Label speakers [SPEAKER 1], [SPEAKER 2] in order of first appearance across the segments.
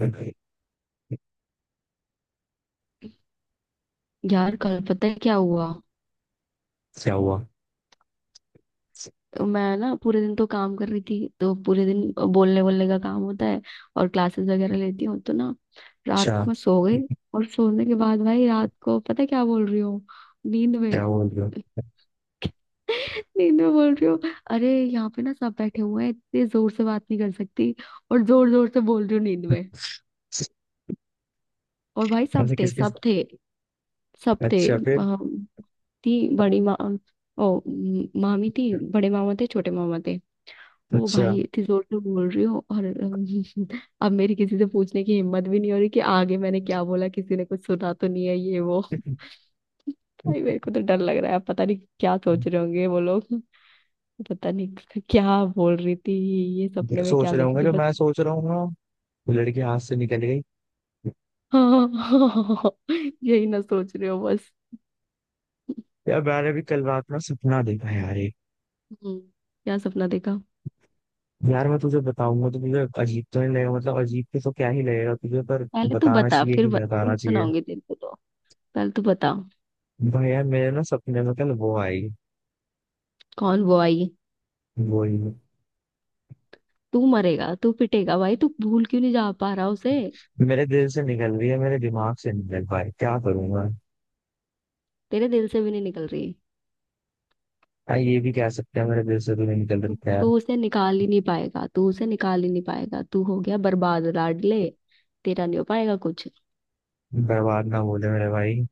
[SPEAKER 1] क्या
[SPEAKER 2] यार कल पता है क्या हुआ।
[SPEAKER 1] हुआ?
[SPEAKER 2] तो मैं ना पूरे दिन तो काम कर रही थी, तो पूरे दिन बोलने बोलने का काम होता है और क्लासेस वगैरह लेती हूँ तो ना रात
[SPEAKER 1] अच्छा,
[SPEAKER 2] को मैं सो गई। और सोने के बाद भाई रात को पता है क्या बोल रही हूँ नींद
[SPEAKER 1] क्या
[SPEAKER 2] में।
[SPEAKER 1] हुआ बोलियो?
[SPEAKER 2] नींद में बोल रही हूँ। अरे यहाँ पे ना सब बैठे हुए हैं, इतने जोर से बात नहीं कर सकती और जोर जोर से बोल रही हूँ नींद में। और भाई सब
[SPEAKER 1] ऐसे
[SPEAKER 2] थे,
[SPEAKER 1] किस किस?
[SPEAKER 2] सब थे, सब थे
[SPEAKER 1] अच्छा, फिर?
[SPEAKER 2] थी बड़ी माँ। ओ मामी थी, बड़े मामा थे, छोटे मामा थे। ओ
[SPEAKER 1] अच्छा।
[SPEAKER 2] भाई इतनी जोर से बोल रही हो और अब मेरी किसी से पूछने की हिम्मत भी नहीं हो रही कि आगे मैंने क्या बोला, किसी ने कुछ सुना तो नहीं है ये वो। भाई मेरे को तो डर लग रहा है, पता नहीं क्या सोच रहे होंगे वो लोग। पता नहीं क्या बोल रही थी। ये
[SPEAKER 1] ये
[SPEAKER 2] सपने में
[SPEAKER 1] सोच
[SPEAKER 2] क्या
[SPEAKER 1] रहा
[SPEAKER 2] देख
[SPEAKER 1] हूँ
[SPEAKER 2] रही थी
[SPEAKER 1] जो
[SPEAKER 2] बस।
[SPEAKER 1] मैं सोच रहा हूँ ना, वो लड़की हाथ से निकल गई।
[SPEAKER 2] हाँ हाँ। यही ना सोच रहे हो बस।
[SPEAKER 1] यार मैंने भी कल रात में सपना देखा यार एक।
[SPEAKER 2] हम्म। क्या सपना देखा?
[SPEAKER 1] यार मैं तुझे बताऊंगा तो तुझे अजीब तो नहीं लगेगा, मतलब अजीब के तो क्या ही लगेगा तुझे, पर
[SPEAKER 2] पहले तू
[SPEAKER 1] बताना
[SPEAKER 2] बता,
[SPEAKER 1] चाहिए कि
[SPEAKER 2] फिर
[SPEAKER 1] नहीं
[SPEAKER 2] फिर
[SPEAKER 1] बताना चाहिए?
[SPEAKER 2] सुनाऊंगी तेरे को तो। पहले तू बता।
[SPEAKER 1] भाई यार मेरे ना सपने में कल वो आई।
[SPEAKER 2] कौन वो आई?
[SPEAKER 1] वही।
[SPEAKER 2] तू मरेगा, तू पिटेगा भाई, तू भूल क्यों नहीं जा पा रहा उसे।
[SPEAKER 1] मेरे दिल से निकल रही है, मेरे दिमाग से निकल पाई क्या करूंगा।
[SPEAKER 2] तेरे दिल से भी नहीं निकल रही।
[SPEAKER 1] हाँ, ये भी कह सकते हैं, मेरे दिल से तो नहीं निकल
[SPEAKER 2] तू
[SPEAKER 1] रही है।
[SPEAKER 2] तू उसे निकाल ही नहीं पाएगा, तू उसे निकाल ही नहीं पाएगा, तू हो गया बर्बाद लाडले। तेरा नहीं हो पाएगा कुछ।
[SPEAKER 1] बर्बाद ना बोले मेरे भाई।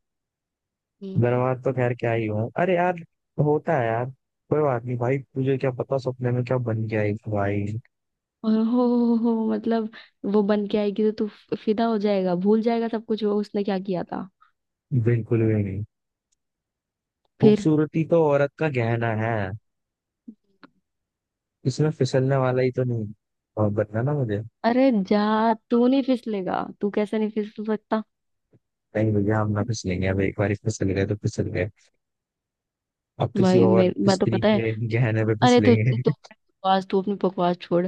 [SPEAKER 2] हम्म।
[SPEAKER 1] बर्बाद तो खैर क्या ही हुआ, अरे यार। होता है यार। कोई बात नहीं भाई, तुझे क्या पता सपने में क्या बन गया एक भाई।
[SPEAKER 2] और हो मतलब वो बन के आएगी तो तू फिदा हो जाएगा, भूल जाएगा सब कुछ वो उसने क्या किया था।
[SPEAKER 1] बिल्कुल भी नहीं।
[SPEAKER 2] फिर?
[SPEAKER 1] खूबसूरती तो औरत का गहना है। इसमें फिसलने वाला ही तो नहीं। और बताना मुझे।
[SPEAKER 2] अरे जा, तू नहीं फिसलेगा? तू कैसे नहीं फिसल सकता।
[SPEAKER 1] नहीं भैया, हम ना फिसलेंगे, अब एक बार फिसल गए तो फिसल गए। अब किसी
[SPEAKER 2] भाई मैं
[SPEAKER 1] और
[SPEAKER 2] मैं तो
[SPEAKER 1] स्त्री
[SPEAKER 2] पता है।
[SPEAKER 1] के गहने पे
[SPEAKER 2] अरे तू तो
[SPEAKER 1] फिसलेंगे।
[SPEAKER 2] बकवास, तू अपनी बकवास छोड़।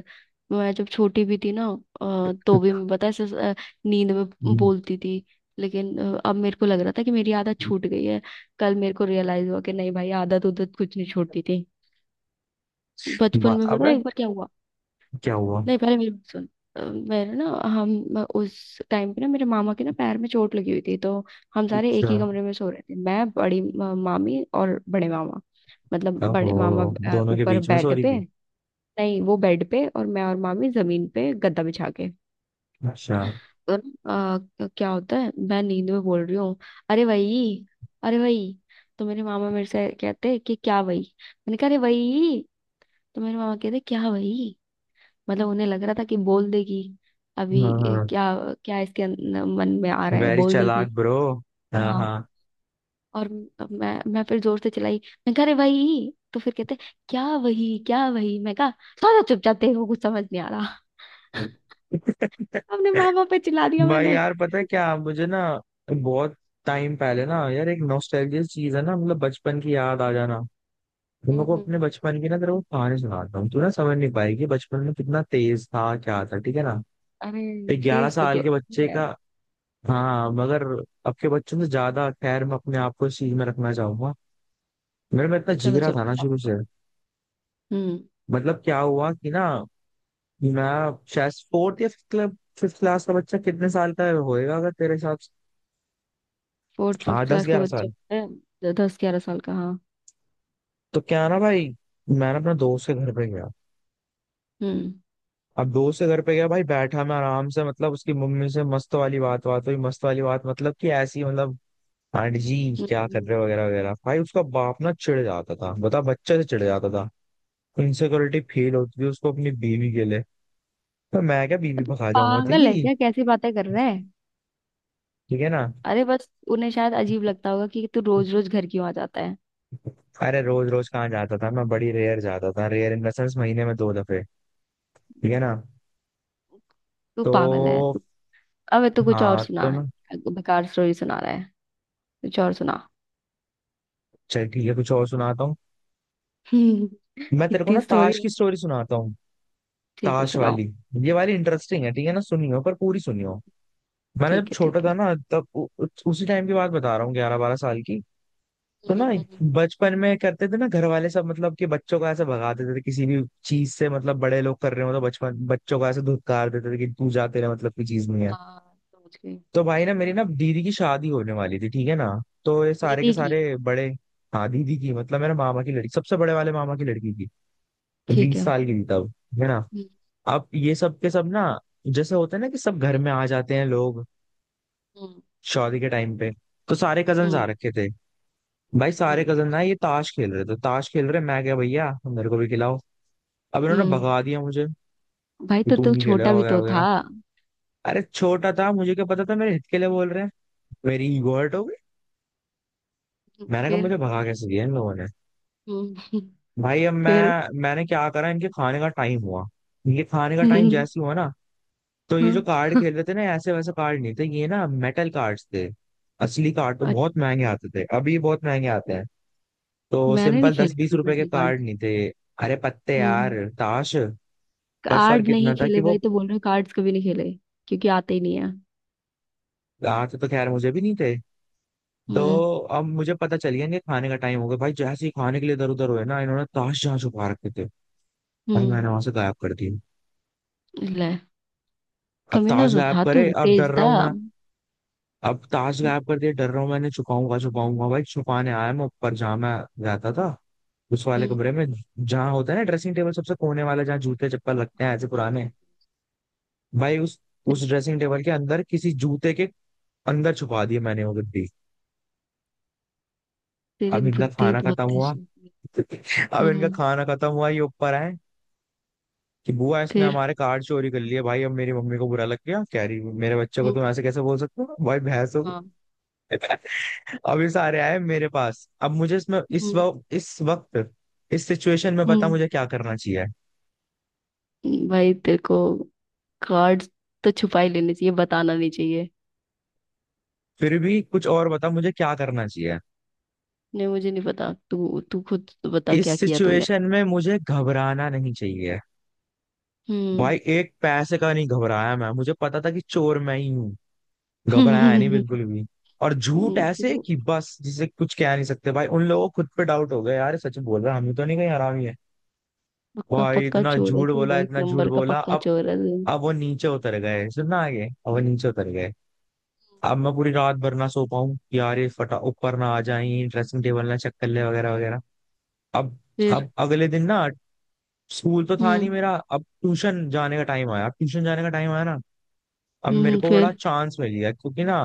[SPEAKER 2] मैं जब छोटी भी थी ना तो भी मैं पता है ऐसे अ, नींद में बोलती थी। लेकिन अब मेरे को लग रहा था कि मेरी आदत छूट गई है। कल मेरे को रियलाइज हुआ कि नहीं भाई आदत उदत कुछ नहीं छोड़ती थी। बचपन में पता
[SPEAKER 1] अबे
[SPEAKER 2] है एक बार क्या हुआ।
[SPEAKER 1] क्या हुआ?
[SPEAKER 2] नहीं पहले मेरी बात सुन। मेरे ना हम मैं उस टाइम पे ना मेरे मामा के ना पैर में चोट लगी हुई थी, तो हम सारे एक
[SPEAKER 1] अच्छा।
[SPEAKER 2] ही कमरे में सो रहे थे, मैं बड़ी मामी और बड़े मामा। मतलब बड़े मामा
[SPEAKER 1] ओहो, दोनों के
[SPEAKER 2] ऊपर
[SPEAKER 1] बीच में
[SPEAKER 2] बेड
[SPEAKER 1] सॉरी
[SPEAKER 2] पे।
[SPEAKER 1] भी।
[SPEAKER 2] नहीं वो बेड पे और मैं और मामी जमीन पे गद्दा बिछा के।
[SPEAKER 1] अच्छा।
[SPEAKER 2] तो ना, क्या होता है मैं नींद में बोल रही हूँ। अरे वही। अरे वही। तो मेरे मामा मेरे से कहते कि क्या वही। मैंने कहा अरे वही। तो मेरे मामा कहते क्या वही। मतलब उन्हें लग रहा था कि बोल देगी अभी।
[SPEAKER 1] हाँ
[SPEAKER 2] ये
[SPEAKER 1] हाँ।
[SPEAKER 2] क्या। क्या इसके मन में आ रहा है
[SPEAKER 1] वेरी
[SPEAKER 2] बोल
[SPEAKER 1] चालाक
[SPEAKER 2] देगी।
[SPEAKER 1] ब्रो। हाँ हाँ।
[SPEAKER 2] हाँ। और मैं फिर जोर से चिल्लाई। मैं कह रही वही, तो फिर कहते क्या वही क्या वही, मैं कहा। सारा चुपचाप देखो, कुछ समझ नहीं आ रहा। अपने माँ बाप पे चिल्ला दिया
[SPEAKER 1] भाई
[SPEAKER 2] मैंने।
[SPEAKER 1] यार पता है क्या मुझे ना, बहुत टाइम पहले ना यार, एक नॉस्टैल्जिया चीज है ना, मतलब बचपन की याद आ जाना। तुम लोग को
[SPEAKER 2] हम्म।
[SPEAKER 1] अपने बचपन की ना, तेरे को कहानी सुनाता हूँ, तू ना समझ नहीं पाएगी बचपन में कितना तेज था क्या था, ठीक है ना।
[SPEAKER 2] अरे
[SPEAKER 1] एक 11
[SPEAKER 2] तेज तो तू
[SPEAKER 1] साल के
[SPEAKER 2] अभी
[SPEAKER 1] बच्चे
[SPEAKER 2] है।
[SPEAKER 1] का। हाँ मगर अब के बच्चों से ज्यादा, खैर मैं अपने आप को इस चीज में रखना चाहूंगा। मेरे में इतना
[SPEAKER 2] चलो
[SPEAKER 1] जिगरा
[SPEAKER 2] चलो
[SPEAKER 1] था ना
[SPEAKER 2] अब
[SPEAKER 1] शुरू
[SPEAKER 2] तो।
[SPEAKER 1] से।
[SPEAKER 2] हम्म।
[SPEAKER 1] मतलब क्या हुआ कि ना, मैं शायद फोर्थ या फिफ्थ क्लब फिफ्थ क्लास का बच्चा कितने साल का होएगा अगर तेरे हिसाब से?
[SPEAKER 2] फोर्थ
[SPEAKER 1] हाँ
[SPEAKER 2] फिफ्थ
[SPEAKER 1] दस
[SPEAKER 2] क्लास के
[SPEAKER 1] ग्यारह
[SPEAKER 2] बच्चे
[SPEAKER 1] साल।
[SPEAKER 2] होते हैं, 10-11 साल का, हाँ।
[SPEAKER 1] तो क्या ना भाई, मैंने अपने दोस्त के घर पे गया।
[SPEAKER 2] हम्म।
[SPEAKER 1] अब दोस्त के घर पे गया भाई, बैठा मैं आराम से, मतलब उसकी मम्मी से मस्त वाली बात बात हुई, मस्त वाली बात मतलब कि ऐसी, मतलब आंटी जी
[SPEAKER 2] हम्म,
[SPEAKER 1] क्या कर रहे
[SPEAKER 2] हम्म।
[SPEAKER 1] हो वगैरह वगैरह। भाई उसका बाप ना चिढ़ जाता था, बता बच्चे से चिढ़ जाता था। इनसिक्योरिटी फील होती थी उसको अपनी बीवी के लिए। तो मैं क्या
[SPEAKER 2] तो
[SPEAKER 1] बीवी भगा जाऊंगा
[SPEAKER 2] पागल है
[SPEAKER 1] तेरी,
[SPEAKER 2] क्या, कैसी बातें कर रहे हैं।
[SPEAKER 1] ठीक है ना?
[SPEAKER 2] अरे बस उन्हें शायद अजीब लगता होगा कि तू रोज रोज घर क्यों आ जाता है।
[SPEAKER 1] अरे रोज रोज कहाँ जाता था मैं, बड़ी रेयर जाता था, रेयर इन द सेंस महीने में दो दफे, ठीक है ना।
[SPEAKER 2] तू पागल है
[SPEAKER 1] तो
[SPEAKER 2] तू। अबे तो कुछ और
[SPEAKER 1] हाँ
[SPEAKER 2] सुना
[SPEAKER 1] तो ना,
[SPEAKER 2] है, बेकार स्टोरी सुना रहा है। कुछ और सुना।
[SPEAKER 1] चल ठीक है कुछ और सुनाता हूँ। मैं तेरे को ना
[SPEAKER 2] कितनी स्टोरी।
[SPEAKER 1] ताश की स्टोरी सुनाता हूँ।
[SPEAKER 2] ठीक है
[SPEAKER 1] ताश
[SPEAKER 2] सुनाओ।
[SPEAKER 1] वाली। ये वाली इंटरेस्टिंग है, ठीक है ना, सुनियो पर पूरी सुनियो। मैंने जब
[SPEAKER 2] ठीक है
[SPEAKER 1] छोटा
[SPEAKER 2] ठीक है।
[SPEAKER 1] था ना, तब उ, उ, उसी टाइम की बात बता रहा हूँ, 11-12 साल की। तो ना
[SPEAKER 2] हम्म।
[SPEAKER 1] बचपन में करते थे ना घर वाले सब, मतलब कि बच्चों को ऐसे भगा देते थे किसी भी चीज से, मतलब बड़े लोग कर रहे हो तो बचपन बच्चों को ऐसे धुतकार देते थे कि तू जाते रहे, मतलब की चीज नहीं है।
[SPEAKER 2] हाँ समझ गई।
[SPEAKER 1] तो भाई ना मेरी ना दीदी की शादी होने वाली थी, ठीक है ना। तो ये सारे के
[SPEAKER 2] दीदी की?
[SPEAKER 1] सारे बड़े। हाँ दीदी की मतलब मेरे मामा की लड़की, सबसे बड़े वाले मामा की लड़की की। तो
[SPEAKER 2] ठीक
[SPEAKER 1] 20
[SPEAKER 2] है।
[SPEAKER 1] साल की थी तब, है ना।
[SPEAKER 2] हम्म।
[SPEAKER 1] अब ये सब के सब ना, जैसे होता है ना कि सब घर में आ जाते हैं लोग,
[SPEAKER 2] हम्म।
[SPEAKER 1] शादी के टाइम पे। तो सारे कजन
[SPEAKER 2] हम्म।
[SPEAKER 1] आ रखे थे। भाई सारे
[SPEAKER 2] हम्म,
[SPEAKER 1] कजन ना ये ताश खेल रहे थे, ताश खेल रहे, मैं क्या भैया मेरे को भी खिलाओ। अब इन्होंने
[SPEAKER 2] हम्म।
[SPEAKER 1] भगा दिया मुझे
[SPEAKER 2] भाई
[SPEAKER 1] कि
[SPEAKER 2] तो
[SPEAKER 1] तू
[SPEAKER 2] तू
[SPEAKER 1] नहीं खेलेगा
[SPEAKER 2] छोटा भी
[SPEAKER 1] वगैरह
[SPEAKER 2] तो था,
[SPEAKER 1] वगैरह।
[SPEAKER 2] हम्म।
[SPEAKER 1] अरे छोटा था मुझे क्या पता था मेरे हित के लिए बोल रहे हैं। मेरी ईगो हर्ट हो गई। मैंने कहा
[SPEAKER 2] फिर?
[SPEAKER 1] मुझे भगा कैसे दिया इन लोगों ने।
[SPEAKER 2] हम्म।
[SPEAKER 1] भाई अब
[SPEAKER 2] फिर?
[SPEAKER 1] मैं, मैंने क्या करा, इनके खाने का टाइम हुआ। इनके खाने का टाइम
[SPEAKER 2] हम्म,
[SPEAKER 1] जैसे हुआ ना, तो ये
[SPEAKER 2] हाँ,
[SPEAKER 1] जो कार्ड खेल रहे थे ना ऐसे वैसे कार्ड नहीं थे ये, ना मेटल कार्ड्स थे। असली कार्ड तो
[SPEAKER 2] अ-
[SPEAKER 1] बहुत महंगे आते थे, अभी बहुत महंगे आते हैं। तो
[SPEAKER 2] मैंने नहीं
[SPEAKER 1] सिंपल दस
[SPEAKER 2] खेला
[SPEAKER 1] बीस
[SPEAKER 2] कभी
[SPEAKER 1] रुपए के
[SPEAKER 2] मेटल
[SPEAKER 1] कार्ड नहीं थे। अरे पत्ते
[SPEAKER 2] कार्ड।
[SPEAKER 1] यार ताश। पर
[SPEAKER 2] कार्ड
[SPEAKER 1] फर्क
[SPEAKER 2] नहीं
[SPEAKER 1] इतना था कि
[SPEAKER 2] खेले भाई
[SPEAKER 1] वो,
[SPEAKER 2] तो बोल रहे कार्ड्स कभी नहीं खेले। क्योंकि आते ही नहीं है।
[SPEAKER 1] आते तो खैर मुझे भी नहीं थे। तो
[SPEAKER 2] हम्म।
[SPEAKER 1] अब मुझे पता चल गया इनके खाने का टाइम हो गया, भाई जैसे ही खाने के लिए इधर उधर हुए ना, इन्होंने ताश जहाँ छुपा रखे थे भाई, मैंने
[SPEAKER 2] हम्म।
[SPEAKER 1] वहां से गायब कर दी।
[SPEAKER 2] ले,
[SPEAKER 1] अब
[SPEAKER 2] कमीना
[SPEAKER 1] ताश
[SPEAKER 2] तो
[SPEAKER 1] गायब
[SPEAKER 2] था तू,
[SPEAKER 1] करे, अब डर
[SPEAKER 2] तेज
[SPEAKER 1] रहा
[SPEAKER 2] था।
[SPEAKER 1] हूं मैं। अब ताश
[SPEAKER 2] हम्म,
[SPEAKER 1] गायब कर दिया, डर रहा हूँ मैंने, छुपाऊंगा छुपाऊंगा भाई, छुपाने आया मैं ऊपर जहाँ मैं रहता था, उस वाले कमरे में, जहाँ होता है ना ड्रेसिंग टेबल सबसे कोने वाला, जहाँ जूते चप्पल लगते हैं ऐसे
[SPEAKER 2] समझ
[SPEAKER 1] पुराने।
[SPEAKER 2] गई।
[SPEAKER 1] भाई
[SPEAKER 2] ते-
[SPEAKER 1] उस ड्रेसिंग टेबल के अंदर किसी जूते के अंदर छुपा दिया मैंने वो गद्दी।
[SPEAKER 2] तेरी
[SPEAKER 1] अब इनका
[SPEAKER 2] बुद्धि
[SPEAKER 1] खाना
[SPEAKER 2] बहुत
[SPEAKER 1] खत्म हुआ।
[SPEAKER 2] तेज है।
[SPEAKER 1] अब इनका
[SPEAKER 2] हम्म।
[SPEAKER 1] खाना खत्म हुआ, ये ऊपर आए कि बुआ इसने
[SPEAKER 2] फिर?
[SPEAKER 1] हमारे कार्ड चोरी कर लिए। भाई अब मेरी मम्मी को बुरा लग गया, कह रही मेरे बच्चे को
[SPEAKER 2] हम्म।
[SPEAKER 1] तुम ऐसे कैसे बोल सकते हो भाई भैंस।
[SPEAKER 2] हाँ।
[SPEAKER 1] अब ये सारे आए मेरे पास। अब मुझे इसमें, इस
[SPEAKER 2] हम्म।
[SPEAKER 1] वक्त इस वक्त इस सिचुएशन में बता
[SPEAKER 2] हम्म।
[SPEAKER 1] मुझे क्या करना चाहिए?
[SPEAKER 2] भाई तेरे को कार्ड्स तो छुपा ही लेने चाहिए, बताना नहीं चाहिए।
[SPEAKER 1] फिर भी कुछ और बता मुझे क्या करना चाहिए?
[SPEAKER 2] नहीं मुझे नहीं पता, तू तू खुद तो बता
[SPEAKER 1] इस
[SPEAKER 2] क्या किया तूने।
[SPEAKER 1] सिचुएशन में मुझे घबराना नहीं चाहिए। भाई
[SPEAKER 2] हम्म।
[SPEAKER 1] एक पैसे का नहीं घबराया मैं, मुझे पता था कि चोर मैं ही हूँ। घबराया नहीं बिल्कुल भी। और झूठ ऐसे
[SPEAKER 2] तू
[SPEAKER 1] कि बस जिसे कुछ कह नहीं सकते, भाई उन लोगों को खुद पे डाउट हो गया, यार ये सच बोल रहा है, हम ही तो नहीं कहीं हरामी है।
[SPEAKER 2] पक्का
[SPEAKER 1] भाई
[SPEAKER 2] पक्का
[SPEAKER 1] इतना
[SPEAKER 2] चोर है
[SPEAKER 1] झूठ
[SPEAKER 2] तू, वो
[SPEAKER 1] बोला
[SPEAKER 2] एक
[SPEAKER 1] इतना झूठ
[SPEAKER 2] नंबर का
[SPEAKER 1] बोला।
[SPEAKER 2] पक्का
[SPEAKER 1] अब
[SPEAKER 2] चोर है
[SPEAKER 1] अब वो नीचे उतर गए, सुनना आगे, अब वो
[SPEAKER 2] तू।
[SPEAKER 1] नीचे उतर गए। अब मैं पूरी रात भर ना सो पाऊं कि यार ये फटा ऊपर ना आ जाए, ड्रेसिंग टेबल ना चेक कर ले वगैरह वगैरह। अब
[SPEAKER 2] फिर?
[SPEAKER 1] अब अगले दिन ना स्कूल तो था नहीं
[SPEAKER 2] हम्म।
[SPEAKER 1] मेरा, अब ट्यूशन जाने का टाइम आया, अब ट्यूशन जाने का टाइम आया ना। अब मेरे
[SPEAKER 2] हम्म।
[SPEAKER 1] को बड़ा
[SPEAKER 2] फिर?
[SPEAKER 1] चांस मिल गया क्योंकि ना,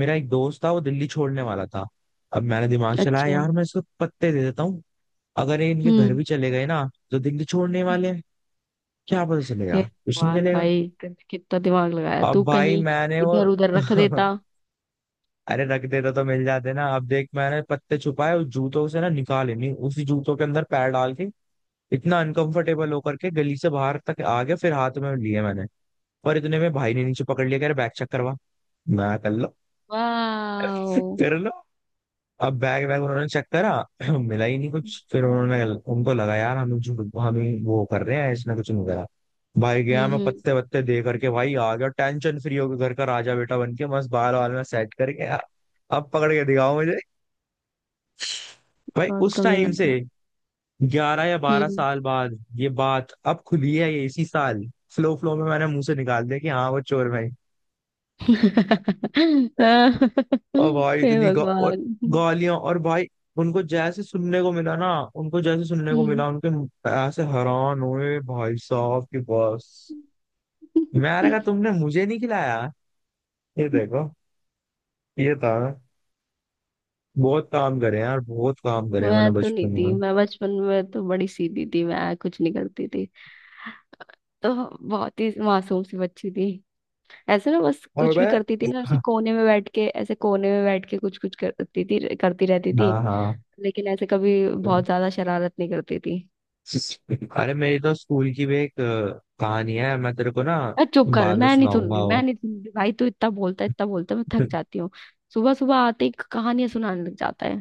[SPEAKER 1] मेरा एक दोस्त था वो दिल्ली छोड़ने वाला था। अब मैंने दिमाग चलाया
[SPEAKER 2] अच्छा।
[SPEAKER 1] यार मैं इसको पत्ते दे देता हूँ, अगर ये इनके घर
[SPEAKER 2] हम्म।
[SPEAKER 1] भी चले गए ना तो दिल्ली छोड़ने वाले हैं, क्या पता चलेगा?
[SPEAKER 2] हे
[SPEAKER 1] ट्यूशन
[SPEAKER 2] भगवान
[SPEAKER 1] चलेगा।
[SPEAKER 2] भाई कितना दिमाग लगाया
[SPEAKER 1] अब
[SPEAKER 2] तू,
[SPEAKER 1] भाई
[SPEAKER 2] कहीं
[SPEAKER 1] मैंने वो
[SPEAKER 2] इधर उधर रख देता।
[SPEAKER 1] अरे रख देता तो मिल जाते ना। अब देख मैंने पत्ते छुपाए, उस जूतों से ना निकाले नहीं, उसी जूतों के अंदर पैर डाल के इतना अनकंफर्टेबल होकर के गली से बाहर तक आ गया, फिर हाथ में लिए मैंने। पर इतने में भाई ने नीचे पकड़ लिया, कह रहे बैग चेक करवा, मैं कर लो
[SPEAKER 2] वाओ।
[SPEAKER 1] कर लो। अब बैग बैग उन्होंने चेक करा। मिला ही नहीं कुछ, फिर उन्होंने, उनको लगा यार हम झूठ हमें वो कर रहे हैं, इसने कुछ नहीं करा। भाई गया
[SPEAKER 2] हम्म।
[SPEAKER 1] मैं
[SPEAKER 2] हम्म।
[SPEAKER 1] पत्ते वत्ते दे करके, भाई आ गया टेंशन फ्री होकर घर का राजा बेटा बन के, मस्त बाल वाल में सेट करके। अब पकड़ के दिखाओ। भाई
[SPEAKER 2] गॉड
[SPEAKER 1] उस
[SPEAKER 2] का
[SPEAKER 1] टाइम
[SPEAKER 2] विनर
[SPEAKER 1] से
[SPEAKER 2] था।
[SPEAKER 1] 11 या 12
[SPEAKER 2] हम्म।
[SPEAKER 1] साल बाद ये बात अब खुली है, ये इसी साल फ्लो फ्लो में मैंने मुंह से निकाल दिया कि हाँ वो चोर भाई। और भाई
[SPEAKER 2] हे
[SPEAKER 1] इतनी और
[SPEAKER 2] भगवान।
[SPEAKER 1] गालियां और भाई, उनको जैसे सुनने को मिला ना उनको जैसे सुनने को
[SPEAKER 2] हम्म।
[SPEAKER 1] मिला, उनके ऐसे हैरान हुए भाई साहब की बस। मैंने कहा तुमने मुझे नहीं खिलाया, ये देखो, ये था। बहुत काम करे हैं यार, बहुत काम करे हैं मैंने
[SPEAKER 2] मैं तो नहीं
[SPEAKER 1] बचपन
[SPEAKER 2] थी,
[SPEAKER 1] में।
[SPEAKER 2] मैं बचपन में तो बड़ी सीधी थी, मैं कुछ नहीं करती थी तो। बहुत ही मासूम सी बच्ची थी। ऐसे ना बस
[SPEAKER 1] और
[SPEAKER 2] कुछ भी करती थी
[SPEAKER 1] भाई,
[SPEAKER 2] ना, ऐसे कोने में बैठ के ऐसे कोने में बैठ के कुछ कुछ करती थी करती रहती थी।
[SPEAKER 1] हाँ हाँ।
[SPEAKER 2] लेकिन ऐसे कभी बहुत ज्यादा शरारत नहीं करती थी।
[SPEAKER 1] अरे मेरी तो स्कूल की भी एक कहानी है, मैं तेरे को ना
[SPEAKER 2] अरे चुप कर,
[SPEAKER 1] बाद में
[SPEAKER 2] मैं नहीं सुन
[SPEAKER 1] सुनाऊंगा
[SPEAKER 2] रही, मैं
[SPEAKER 1] वो।
[SPEAKER 2] नहीं सुन रही भाई, तू इतना बोलता है इतना बोलता है, मैं थक जाती हूँ। सुबह सुबह आते ही कहानियां सुनाने लग जाता है।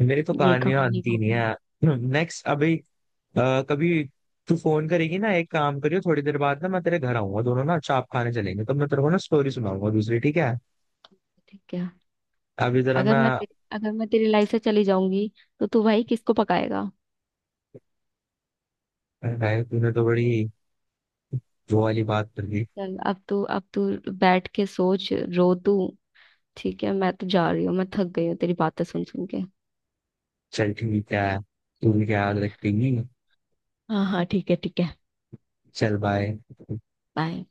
[SPEAKER 1] मेरी तो
[SPEAKER 2] ये
[SPEAKER 1] कहानियां
[SPEAKER 2] कहानी
[SPEAKER 1] अंती
[SPEAKER 2] वो
[SPEAKER 1] नहीं
[SPEAKER 2] कहानी।
[SPEAKER 1] है। नेक्स्ट अभी कभी, तू फोन करेगी ना एक काम करियो, थोड़ी देर बाद ना मैं तेरे घर आऊंगा, दोनों ना चाप खाने चलेंगे तो मैं तेरे को ना स्टोरी सुनाऊंगा दूसरी, ठीक है?
[SPEAKER 2] ठीक क्या।
[SPEAKER 1] अभी जरा
[SPEAKER 2] अगर
[SPEAKER 1] मैं।
[SPEAKER 2] मैं तेरी अगर मैं तेरी लाइफ से चली जाऊंगी, तो तू भाई किसको पकाएगा।
[SPEAKER 1] अरे, तूने तो बड़ी वो वाली बात कर दी।
[SPEAKER 2] चल अब तू बैठ के सोच। रो तू। ठीक है मैं तो जा रही हूँ, मैं थक गई हूँ तेरी बातें सुन सुन के।
[SPEAKER 1] चल ठीक है, तू भी क्या याद रखेगी।
[SPEAKER 2] हाँ हाँ ठीक है ठीक है।
[SPEAKER 1] चल बाय।
[SPEAKER 2] बाय।